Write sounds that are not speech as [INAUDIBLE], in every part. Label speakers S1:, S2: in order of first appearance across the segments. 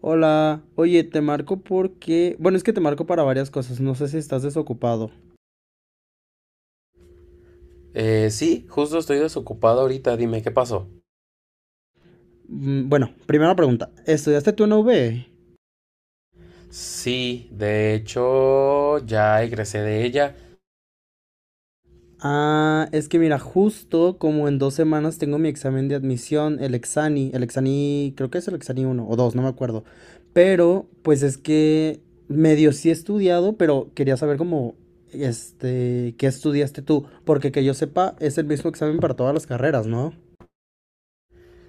S1: Hola, oye, te marco porque, bueno, es que te marco para varias cosas, no sé si estás desocupado.
S2: Sí, justo estoy desocupado ahorita, dime qué pasó.
S1: Bueno, primera pregunta, ¿estudiaste tú en la UV?
S2: Sí, de hecho, ya egresé de ella.
S1: Ah, es que mira, justo como en dos semanas tengo mi examen de admisión, el Exani, creo que es el Exani uno o dos, no me acuerdo. Pero, pues es que medio sí he estudiado, pero quería saber cómo, qué estudiaste tú, porque que yo sepa, es el mismo examen para todas las carreras, ¿no?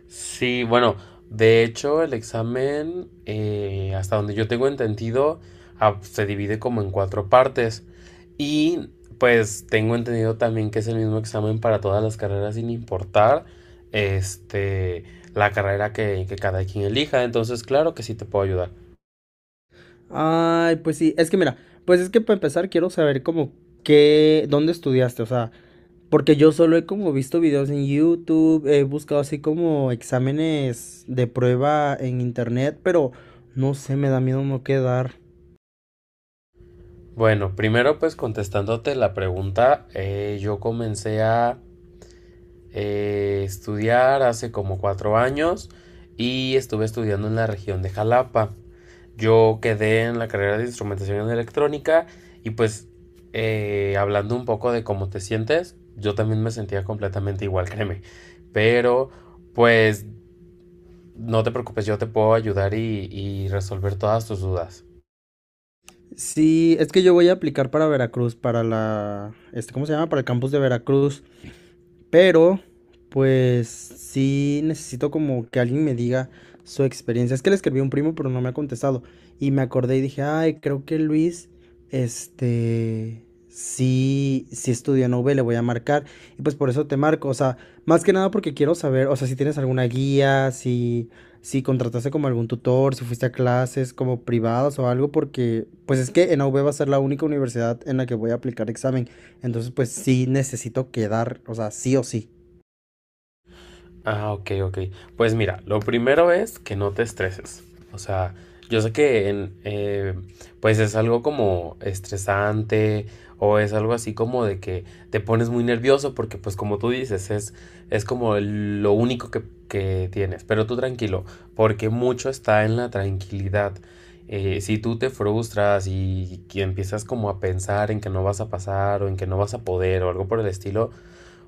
S2: Sí, bueno, de hecho, el examen, hasta donde yo tengo entendido, se divide como en cuatro partes. Y pues tengo entendido también que es el mismo examen para todas las carreras sin importar este, la carrera que cada quien elija. Entonces, claro que sí te puedo ayudar.
S1: Ay, pues sí, es que mira, pues es que para empezar quiero saber como qué, dónde estudiaste, o sea, porque yo solo he como visto videos en YouTube, he buscado así como exámenes de prueba en internet, pero no sé, me da miedo no quedar.
S2: Bueno, primero pues contestándote la pregunta, yo comencé a estudiar hace como 4 años y estuve estudiando en la región de Jalapa. Yo quedé en la carrera de instrumentación electrónica y pues hablando un poco de cómo te sientes, yo también me sentía completamente igual, [LAUGHS] créeme. Pero pues no te preocupes, yo te puedo ayudar y resolver todas tus dudas.
S1: Sí, es que yo voy a aplicar para Veracruz, para la, este, ¿cómo se llama? Para el campus de Veracruz. Pero, pues sí necesito como que alguien me diga su experiencia. Es que le escribí a un primo, pero no me ha contestado. Y me acordé y dije, ay, creo que Luis, este, sí estudió en UV, le voy a marcar. Y pues por eso te marco. O sea, más que nada porque quiero saber, o sea, si tienes alguna guía, si, si contrataste como algún tutor, si fuiste a clases como privadas o algo, porque pues es que en UV va a ser la única universidad en la que voy a aplicar examen. Entonces, pues sí necesito quedar, o sea, sí o sí.
S2: Ah, ok, ok. Pues mira, lo primero es que no te estreses. O sea, yo sé que en, pues es algo como estresante o es algo así como de que te pones muy nervioso porque pues como tú dices, es como lo único que tienes. Pero tú tranquilo, porque mucho está en la tranquilidad. Si tú te frustras y empiezas como a pensar en que no vas a pasar o en que no vas a poder o algo por el estilo,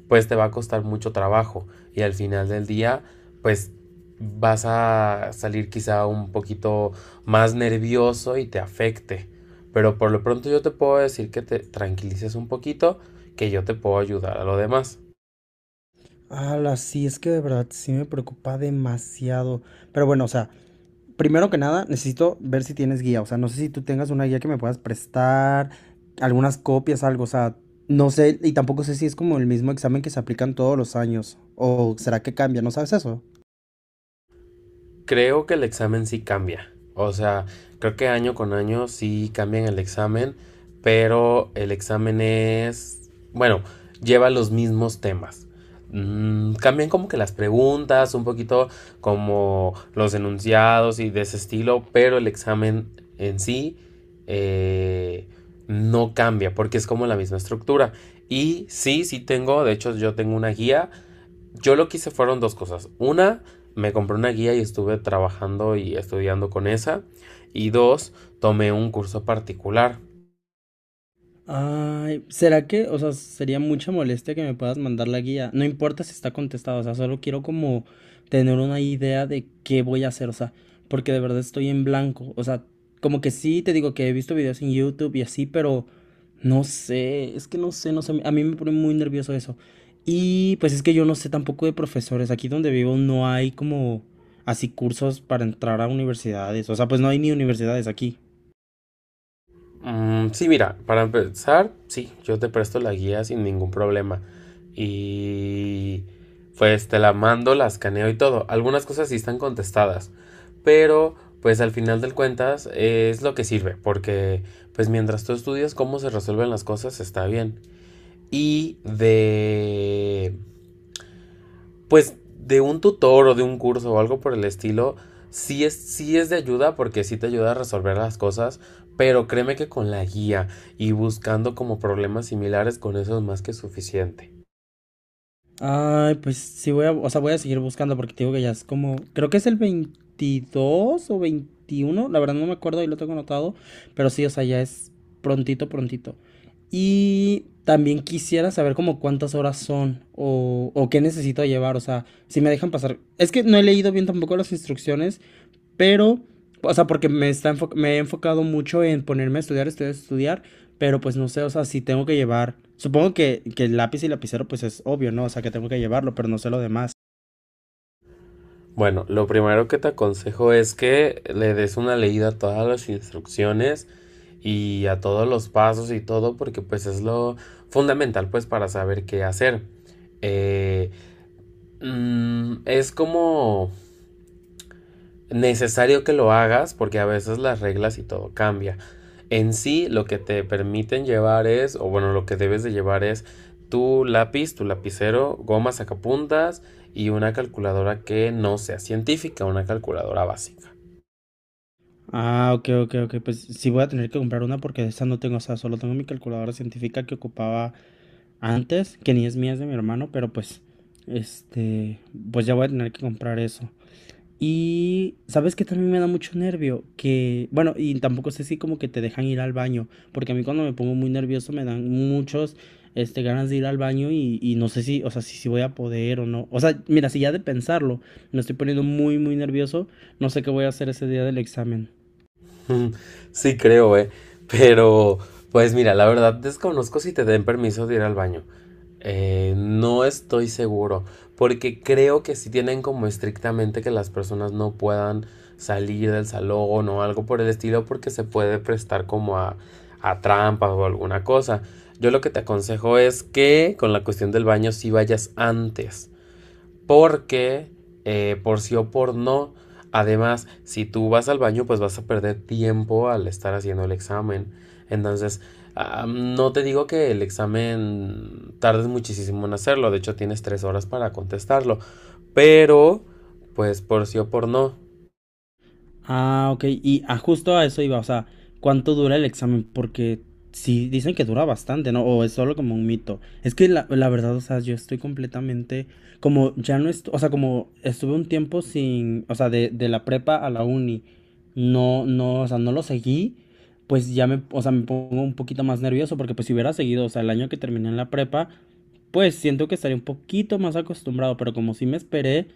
S2: pues te va a costar mucho trabajo y al final del día, pues vas a salir quizá un poquito más nervioso y te afecte. Pero por lo pronto yo te puedo decir que te tranquilices un poquito, que yo te puedo ayudar a lo demás.
S1: Ala, sí, es que de verdad sí me preocupa demasiado. Pero bueno, o sea, primero que nada, necesito ver si tienes guía. O sea, no sé si tú tengas una guía que me puedas prestar, algunas copias, algo. O sea, no sé, y tampoco sé si es como el mismo examen que se aplican todos los años. O será que cambia, ¿no sabes eso?
S2: Creo que el examen sí cambia. O sea, creo que año con año sí cambian el examen, pero el examen es, bueno, lleva los mismos temas. Cambian como que las preguntas, un poquito como los enunciados y de ese estilo, pero el examen en sí eh, no cambia porque es como la misma estructura. Y sí, sí tengo. De hecho, yo tengo una guía. Yo lo que hice fueron dos cosas. Una, me compré una guía y estuve trabajando y estudiando con esa. Y dos, tomé un curso particular.
S1: Ay, ¿será que, o sea, sería mucha molestia que me puedas mandar la guía? No importa si está contestado, o sea, solo quiero como tener una idea de qué voy a hacer, o sea, porque de verdad estoy en blanco, o sea, como que sí, te digo que he visto videos en YouTube y así, pero no sé, es que no sé, no sé, a mí me pone muy nervioso eso. Y pues es que yo no sé tampoco de profesores, aquí donde vivo no hay como así cursos para entrar a universidades, o sea, pues no hay ni universidades aquí.
S2: Mm, sí, mira, para empezar, sí, yo te presto la guía sin ningún problema. Y pues te la mando, la escaneo y todo. Algunas cosas sí están contestadas. Pero pues al final del cuentas es lo que sirve. Porque pues mientras tú estudias cómo se resuelven las cosas está bien. Y de pues de un tutor o de un curso o algo por el estilo, sí es de ayuda porque sí te ayuda a resolver las cosas, pero créeme que con la guía y buscando como problemas similares con eso es más que suficiente.
S1: Ay, pues sí voy a, o sea, voy a seguir buscando porque te digo que ya es como, creo que es el 22 o 21, la verdad no me acuerdo y lo tengo anotado, pero sí, o sea, ya es prontito, prontito. Y también quisiera saber como cuántas horas son o qué necesito llevar, o sea, si me dejan pasar. Es que no he leído bien tampoco las instrucciones pero, o sea, porque me, me he enfocado mucho en ponerme a estudiar, estudiar, estudiar, pero pues no sé, o sea, si tengo que llevar, supongo que el lápiz y lapicero pues es obvio, ¿no? O sea, que tengo que llevarlo, pero no sé lo demás.
S2: Bueno, lo primero que te aconsejo es que le des una leída a todas las instrucciones y a todos los pasos y todo porque pues es lo fundamental pues para saber qué hacer. Eh, es como necesario que lo hagas porque a veces las reglas y todo cambia. En sí, lo que te permiten llevar es, o bueno, lo que debes de llevar es tu lápiz, tu lapicero, goma sacapuntas y una calculadora que no sea científica, una calculadora básica.
S1: Ah, ok, ok, ok, pues sí voy a tener que comprar una porque esa no tengo, o sea, solo tengo mi calculadora científica que ocupaba antes, que ni es mía, es de mi hermano, pero pues, este, pues ya voy a tener que comprar eso. Y sabes que también me da mucho nervio, que, bueno, y tampoco sé si como que te dejan ir al baño, porque a mí cuando me pongo muy nervioso me dan muchos, ganas de ir al baño y no sé si, o sea, si, si voy a poder o no. O sea, mira, si ya de pensarlo me estoy poniendo muy, muy nervioso, no sé qué voy a hacer ese día del examen.
S2: [LAUGHS] Sí creo. Pero, pues mira, la verdad desconozco si te den permiso de ir al baño. No estoy seguro, porque creo que sí tienen como estrictamente que las personas no puedan salir del salón o algo por el estilo, porque se puede prestar como a trampas o alguna cosa. Yo lo que te aconsejo es que con la cuestión del baño sí vayas antes. Porque, por sí o por no, además, si tú vas al baño, pues vas a perder tiempo al estar haciendo el examen. Entonces, no te digo que el examen tardes muchísimo en hacerlo, de hecho tienes 3 horas para contestarlo, pero, pues por sí o por no,
S1: Ah, ok. Y ah, justo a eso iba, o sea, ¿cuánto dura el examen? Porque sí dicen que dura bastante, ¿no? O es solo como un mito. Es que la verdad, o sea, yo estoy completamente, como ya no estoy, o sea, como estuve un tiempo sin, o sea, de la prepa a la uni, no, no, o sea, no lo seguí, pues ya me, o sea, me pongo un poquito más nervioso porque pues si hubiera seguido, o sea, el año que terminé en la prepa, pues siento que estaría un poquito más acostumbrado, pero como sí me esperé,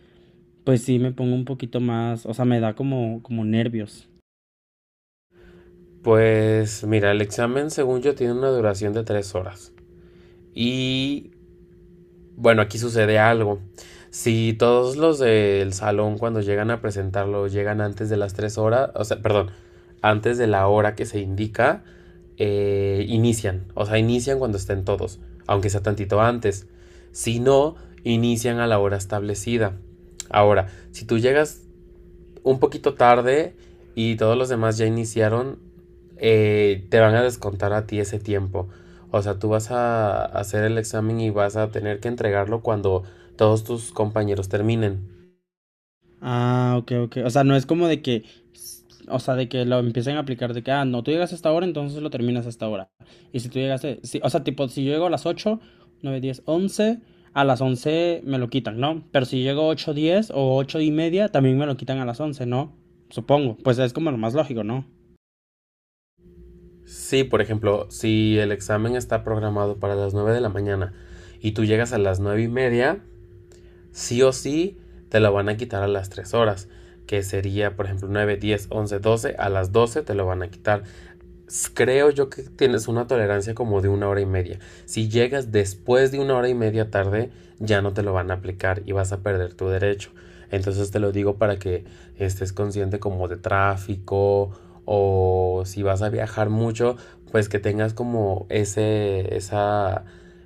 S1: pues sí, me pongo un poquito más, o sea, me da como, como nervios.
S2: pues mira, el examen según yo tiene una duración de 3 horas. Y bueno, aquí sucede algo. Si todos los del salón cuando llegan a presentarlo llegan antes de las 3 horas, o sea, perdón, antes de la hora que se indica, inician. O sea, inician cuando estén todos, aunque sea tantito antes. Si no, inician a la hora establecida. Ahora, si tú llegas un poquito tarde y todos los demás ya iniciaron, te van a descontar a ti ese tiempo. O sea, tú vas a hacer el examen y vas a tener que entregarlo cuando todos tus compañeros terminen.
S1: Ah, ok, ok. O sea, no es como de que, o sea, de que lo empiecen a aplicar de que, ah, no, tú llegas a esta hora, entonces lo terminas a esta hora. Y si tú llegaste, sí, o sea, tipo, si yo llego a las 8, 9, 10, 11, a las 11 me lo quitan, ¿no? Pero si llego 8, 10 o 8 y media, también me lo quitan a las 11, ¿no? Supongo. Pues es como lo más lógico, ¿no?
S2: Sí, por ejemplo, si el examen está programado para las 9 de la mañana y tú llegas a las 9:30, sí o sí te lo van a quitar a las 3 horas, que sería, por ejemplo, 9, 10, 11, 12. A las 12 te lo van a quitar. Creo yo que tienes una tolerancia como de una hora y media. Si llegas después de una hora y media tarde, ya no te lo van a aplicar y vas a perder tu derecho. Entonces te lo digo para que estés consciente como de tráfico o si vas a viajar mucho, pues que tengas como ese, esa,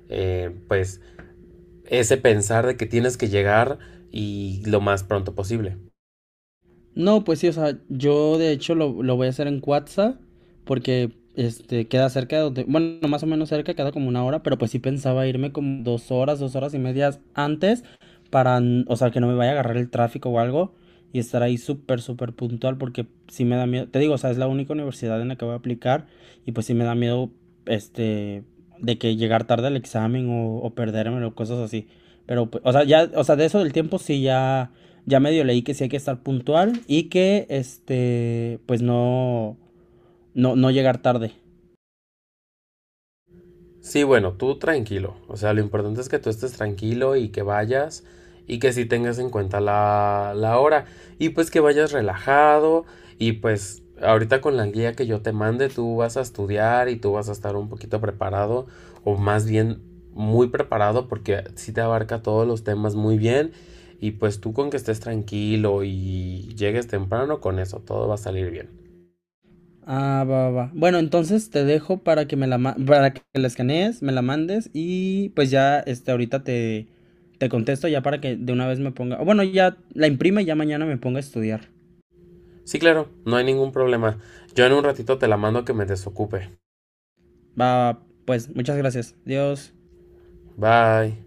S2: pues ese pensar de que tienes que llegar y lo más pronto posible.
S1: No, pues sí, o sea, yo de hecho lo voy a hacer en Cuatza, porque este queda cerca de donde, bueno, más o menos cerca, queda como una hora, pero pues sí pensaba irme como dos horas y medias antes, para, o sea, que no me vaya a agarrar el tráfico o algo, y estar ahí súper, súper puntual, porque sí me da miedo, te digo, o sea, es la única universidad en la que voy a aplicar, y pues sí me da miedo, este, de que llegar tarde al examen o perdérmelo, cosas así. Pero, pues, o sea, ya, o sea, de eso del tiempo sí ya. Ya medio leí que sí hay que estar puntual y que, este, pues no, no, no llegar tarde.
S2: Sí, bueno, tú tranquilo. O sea, lo importante es que tú estés tranquilo y que vayas y que sí tengas en cuenta la hora. Y pues que vayas relajado y pues ahorita con la guía que yo te mande tú vas a estudiar y tú vas a estar un poquito preparado o más bien muy preparado porque sí te abarca todos los temas muy bien y pues tú con que estés tranquilo y llegues temprano con eso todo va a salir bien.
S1: Ah, va, va, va. Bueno, entonces te dejo para que me la, para que la escanees, me la mandes y pues ya, ahorita te, te contesto ya para que de una vez me ponga, o bueno, ya la imprime y ya mañana me ponga a estudiar.
S2: Sí, claro, no hay ningún problema. Yo en un ratito te la mando que me desocupe.
S1: Va, pues, muchas gracias. Adiós.
S2: Bye.